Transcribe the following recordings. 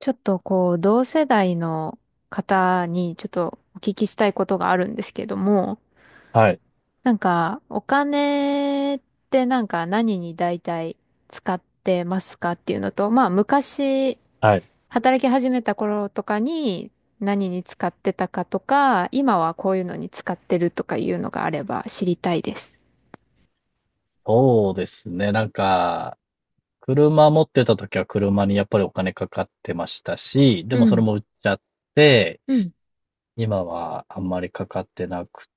ちょっとこう、同世代の方にちょっとお聞きしたいことがあるんですけども、はい、なんか、お金ってなんか何に大体使ってますかっていうのと、まあ昔、はい。働き始めた頃とかに何に使ってたかとか、今はこういうのに使ってるとかいうのがあれば知りたいです。そうですね。なんか、車持ってた時は車にやっぱりお金かかってましたし、でうもそれん、も売っちゃって、うん、今はあんまりかかってなく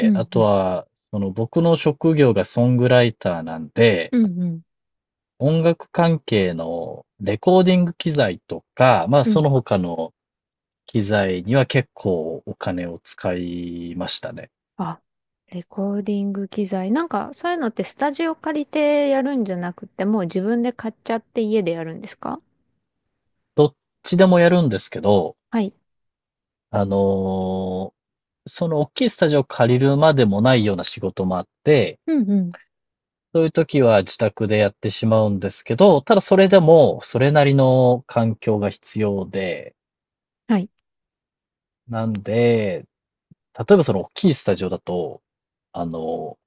うあん、とうは、その僕の職業がソングライターなんで、ん、うん、うん、音楽関係のレコーディング機材とか、まあうそん。の他の機材には結構お金を使いましたね。あ、レコーディング機材。なんか、そういうのってスタジオ借りてやるんじゃなくて、もう自分で買っちゃって家でやるんですか？どっちでもやるんですけど、はい。あのその大きいスタジオを借りるまでもないような仕事もあって、うんうん。そういう時は自宅でやってしまうんですけど、ただそれでもそれなりの環境が必要で、はい。なんで、例えばその大きいスタジオだと、あの、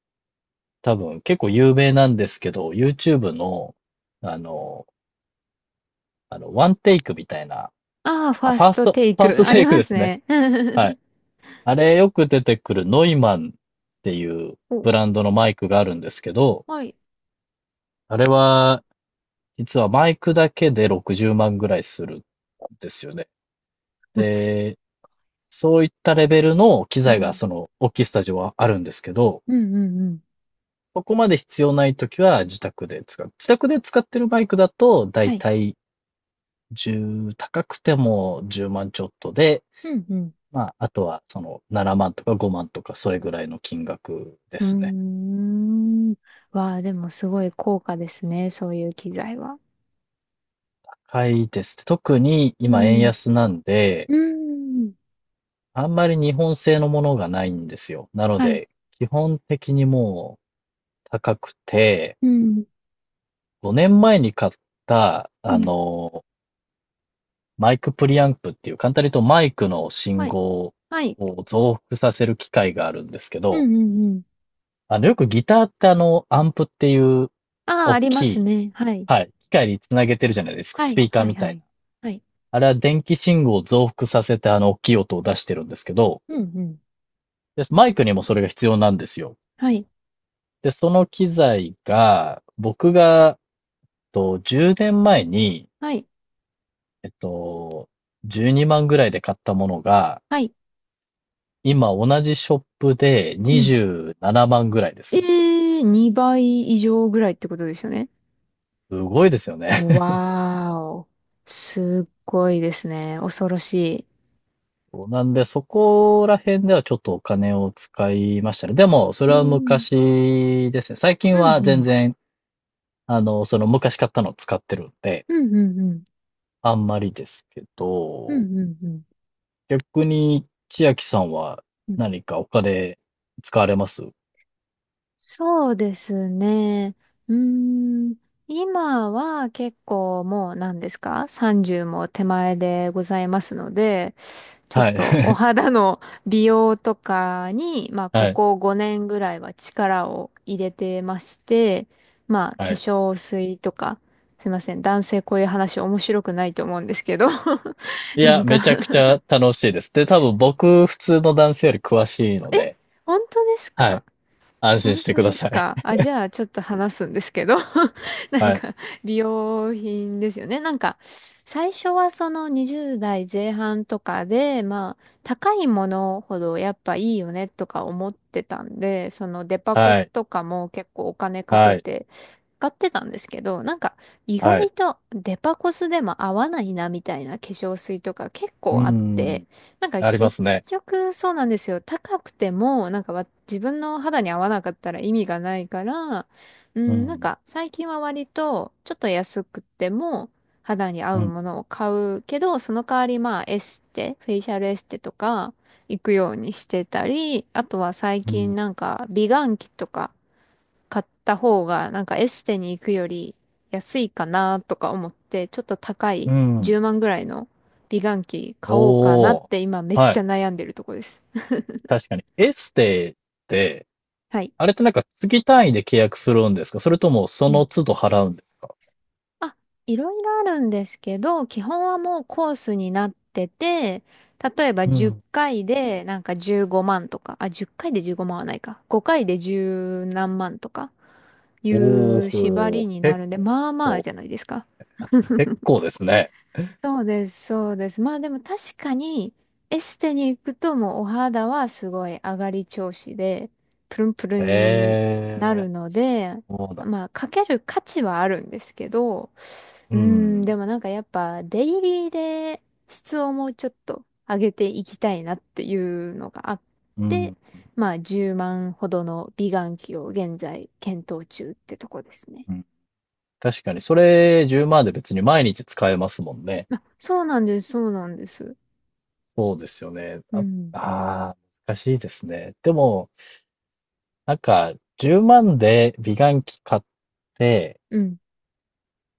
多分結構有名なんですけど、YouTube の、あの、ワンテイクみたいな、ああ、フあ、ァーファスーストト、テイファーストク。あテりイクまですすね。ね。はい。あれよく出てくるノイマンっていうお、ブランドのマイクがあるんですけど、はい。あれは実はマイクだけで60万ぐらいするんですよね。で、そういったレベルの機う材がん。その大きいスタジオはあるんですけど、うんうんうん。そこまで必要ないときは自宅で使う。自宅で使ってるマイクだと、だはいい。たい1高くても10万ちょっとで、うんうまあ、あとはその7万とか5万とかそれぐらいの金額ですね。ん。うーん。わあ、でもすごい高価ですね。そういう機材は。高いです。特にう今円ん。安なんで、うん。あんまり日本製のものがないんですよ。なのはい。で、基本的にもう高くて、うん。5年前に買った、うん。マイクプリアンプっていう、簡単に言うとマイクのは信い。号はい。を増幅させる機械があるんですけうど、んうんうん。よくギターってアンプっていうああ、大ありきますい、ね。はい。はい、機械につなげてるじゃないですか、はスピい、ーカーはい、みたはいな。い。はい。あれは電気信号を増幅させて大きい音を出してるんですけど、うん、うん。でマイクにもそれが必要なんですよ。はい、で、その機材が、僕が、10年前に、はい、えっと、12万ぐらいで買ったものが、はい。今同じショップでうん。27万ぐらいでえすね。ー、2倍以上ぐらいってことですよね。すごいですよね。わーお。すっごいですね。恐ろしい。そうなんで、そこら辺ではちょっとお金を使いましたね。でも、それうはん、昔ですね。最近うん、はう全ん、然、その昔買ったのを使ってるんで、うん、うん、うん、あんまりですけうど、ん、うん、うん。逆に千秋さんはうん、何かお金使われます？そうですね。うーん。今は結構もう何ですか？ 30 も手前でございますので、ちょっはい。とお 肌の美容とかに、まあ、こはい。こ5年ぐらいは力を入れてまして、まあ、化はい。粧水とか、すいません、男性こういう話面白くないと思うんですけど。 いなや、んか、めちゃくちゃ楽しいです。で、多分僕、普通の男性より詳しいので、本当ですはか？い。安心本して当くだですさい。か？あ、じゃあ、ちょっと話すんですけど。なんはい。か、美容品ですよね。なんか、最初はその20代前半とかで、まあ、高いものほどやっぱいいよねとか思ってたんで、そのデパコはスい。とかも結構お金かけはい。て買ってたんですけど、なんか、意は外い。とデパコスでも合わないなみたいな化粧水とか結構うあっん。て、なんかありますね。結局そうなんですよ。高くても、なんかわ自分の肌に合わなかったら意味がないから、ううん、なんん。か最近は割とちょっと安くても肌に合ううん。ものを買うけど、その代わりまあエステ、フェイシャルエステとか行くようにしてたり、あとは最う近ん。なんか美顔器とか買った方が、なんかエステに行くより安いかなとか思って、ちょっと高いうん。10万ぐらいの美顔器買おうかなおっお。て今めっはちゃい。悩んでるとこです。確かに。エステって、はい。あれってなんか月単位で契約するんですか？それともそうん。の都度払うんですか？あ、いろいろあるんですけど、基本はもうコースになってて、例えばう10ん。回でなんか15万とか、あ、10回で15万はないか。5回で十何万とかいおう縛りお、になるんで、まあまあ構、じゃないですか。結構ですね。そうです、そうです。まあでも確かに、エステに行くともうお肌はすごい上がり調子で、プルンプルンになえるえ、ので、そうだ。まあかける価値はあるんですけど、ううん、でん、もなんかやっぱデイリーで質をもうちょっと上げていきたいなっていうのがあっうて、ん、まあ10万ほどの美顔器を現在検討中ってとこですね。うん。確かに、それ10万で別に毎日使えますもんね。あ、そうなんです、そうなんです。そうですよね。うあ、ん、あ難しいですね。でも、なんか、10万で美顔器買って、うん、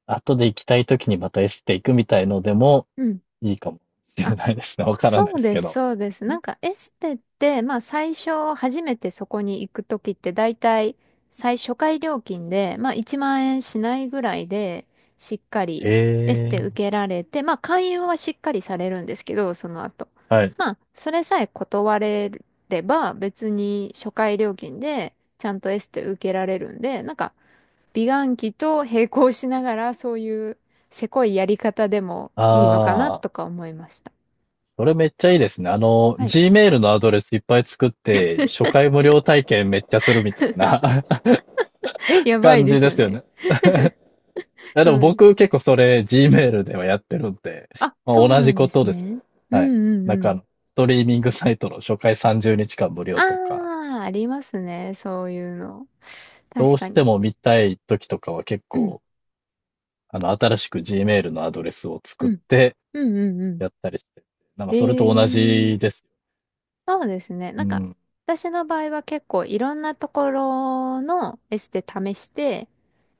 後で行きたい時にまたエステ行くみたいのでもうん。いいかもしれないですね。わからないそでうすでけす、ど。そうです。なんかエステって、まあ最初初めてそこに行くときって大体最初回料金で、まあ1万円しないぐらいでしっかりエスへテ受え、けられて、まあ勧誘はしっかりされるんですけど、その後。はい。まあそれさえ断れれば別に初回料金でちゃんとエステ受けられるんで、なんか美顔器と並行しながらそういうせこいやり方でもいいのかなあとあ。か思いました。それめっちゃいいですね。はい、 Gmail のアドレスいっぱい作って、初回無料体験めっちゃするみたいな やばい感でじすでよすよね。ね。いやうでもん。僕結構それ Gmail ではやってるんで、あ、まそあ、う同なじんでことすです。ね。うんはい。うんなんうかん。ストリーミングサイトの初回30日間無あ料とか、あ、ありますね。そういうの。ど確うかしてに。も見たい時とかは結うん、構、新しく Gmail のアドレスを作うっん、てうんうんうん。やったりして、なんかえそれえと同ー、じです。そうですね。うなんか、ん。私の場合は結構いろんなところのエステ試して、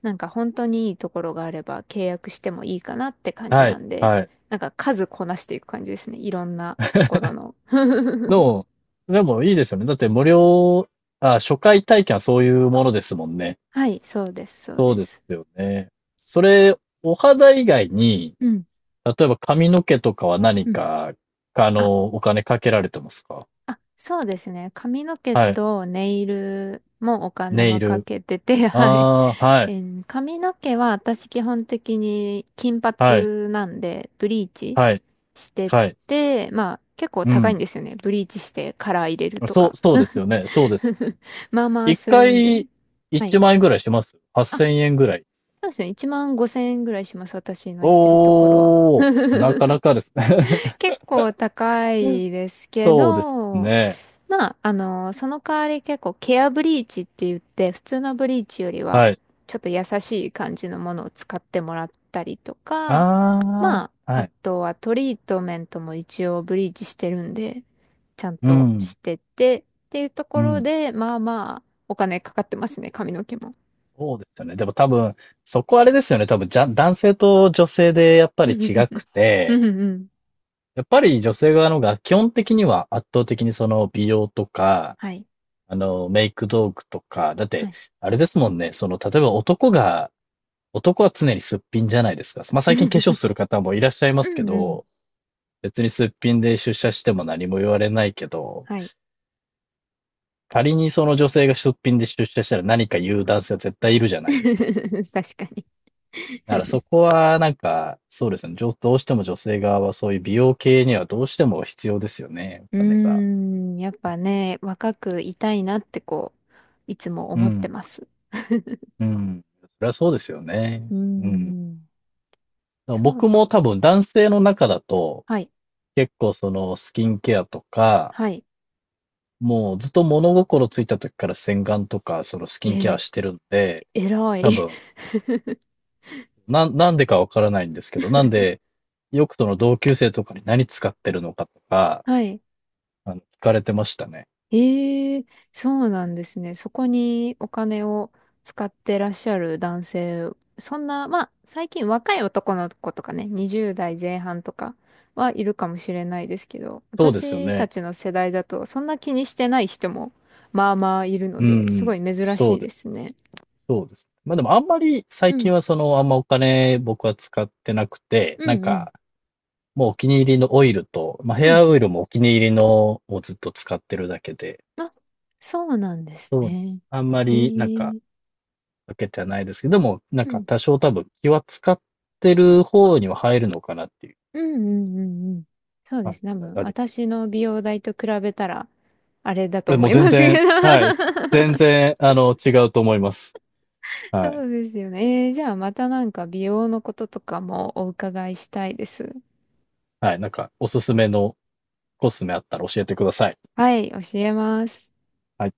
なんか本当にいいところがあれば契約してもいいかなって感じはない。んで、はい。なんか数こなしていく感じですね。いろんなところの。の、でもいいですよね。だって無料、あ、初回体験はそういうものですもんね。はい、そうです、そうそうでですす。よね。それ、お肌以外に、うん例えば髪の毛とかは何うん。か、あお金かけられてますか？あ、そうですね。髪の毛はい。とネイルもお金ネイはかル。けてて、はい。ああ、はい。髪の毛は私基本的に金はい。髪なんで、ブリーチはい。してはい。て、まあ結構う高いんん。ですよね。ブリーチしてカラー入れるとそか。う、そうですよね。そうです。まあまあ1するんで。回はい。1万円ぐらいしますあ、？8000円ぐらい。そうですね。1万5千円ぐらいします。私の行ってるところは。おお、なかな かですね。結構高 いですけそうですど、ね。まあ、その代わり結構ケアブリーチって言って、普通のブリーチよりは、はい。ちょっと優しい感じのものを使ってもらったりとか、あまあ、あ、はあい。とはトリートメントも一応ブリーチしてるんで、ちゃんうとん、してて、っていうとうころん。で、まあまあ、お金かかってますね、髪の毛も。そうですよね。でも多分、そこあれですよね。多分、じゃ、男性と女性でやっぱり違 くうて、んうん。やっぱり女性側の方が基本的には圧倒的にその美容とか、はい。メイク道具とか、だっはて、い。あれですもんね。その、例えば男は常にすっぴんじゃないですか。まあ、最近化粧する 方もいらっしゃいまうすけんうん。ど、別にすっぴんで出社しても何も言われないけど、はい。仮にその女性が出品で出社したら何か言う男性は絶対いるじゃないですか。確かに。だからそこはなんか、そうですね。どうしても女性側はそういう美容系にはどうしても必要ですよね、うーお金が。ん、やっぱね、若くいたいなってこう、いつもう思ってん。ます。うん。それはそうですよね。うーうん。だかん、らそう、僕も多分男性の中だと、はい、結構そのスキンケアとか、はい、もうずっと物心ついた時から洗顔とかそのスキえンケアー、してるんで、偉多い。分 なんでかわからないんですけど、なんで、ヨクトの同級生とかに何使ってるのかとか、はい。聞かれてましたね。ええ、そうなんですね。そこにお金を使ってらっしゃる男性、そんな、まあ、最近若い男の子とかね、20代前半とかはいるかもしれないですけど、そうですよ私たね。ちの世代だと、そんな気にしてない人も、まあまあいるのうで、すごん、い珍そしういでですすね。ね。そうです。まあでもあんまり最う近ん、はあんまお金僕は使ってなくて、うなんん、うん、か、もうお気に入りのオイルと、まあヘうん。アオイルもお気に入りのをずっと使ってるだけで、あ、そうなんですそう、ね。あんまえりなんか、え、かけてはないですけど、でも、なんうかん。多少多分気は使ってる方には入るのかなっていううんうんうんうん。そうで感すね。多じ分があり私の美容代と比べたら、あれだとえ思もうい全ますけ然、ど。はい。全然、違うと思います。はそい。うですよね。じゃあまたなんか美容のこととかもお伺いしたいです。はい。なんか、おすすめのコスメあったら教えてください。はい、教えます。はい。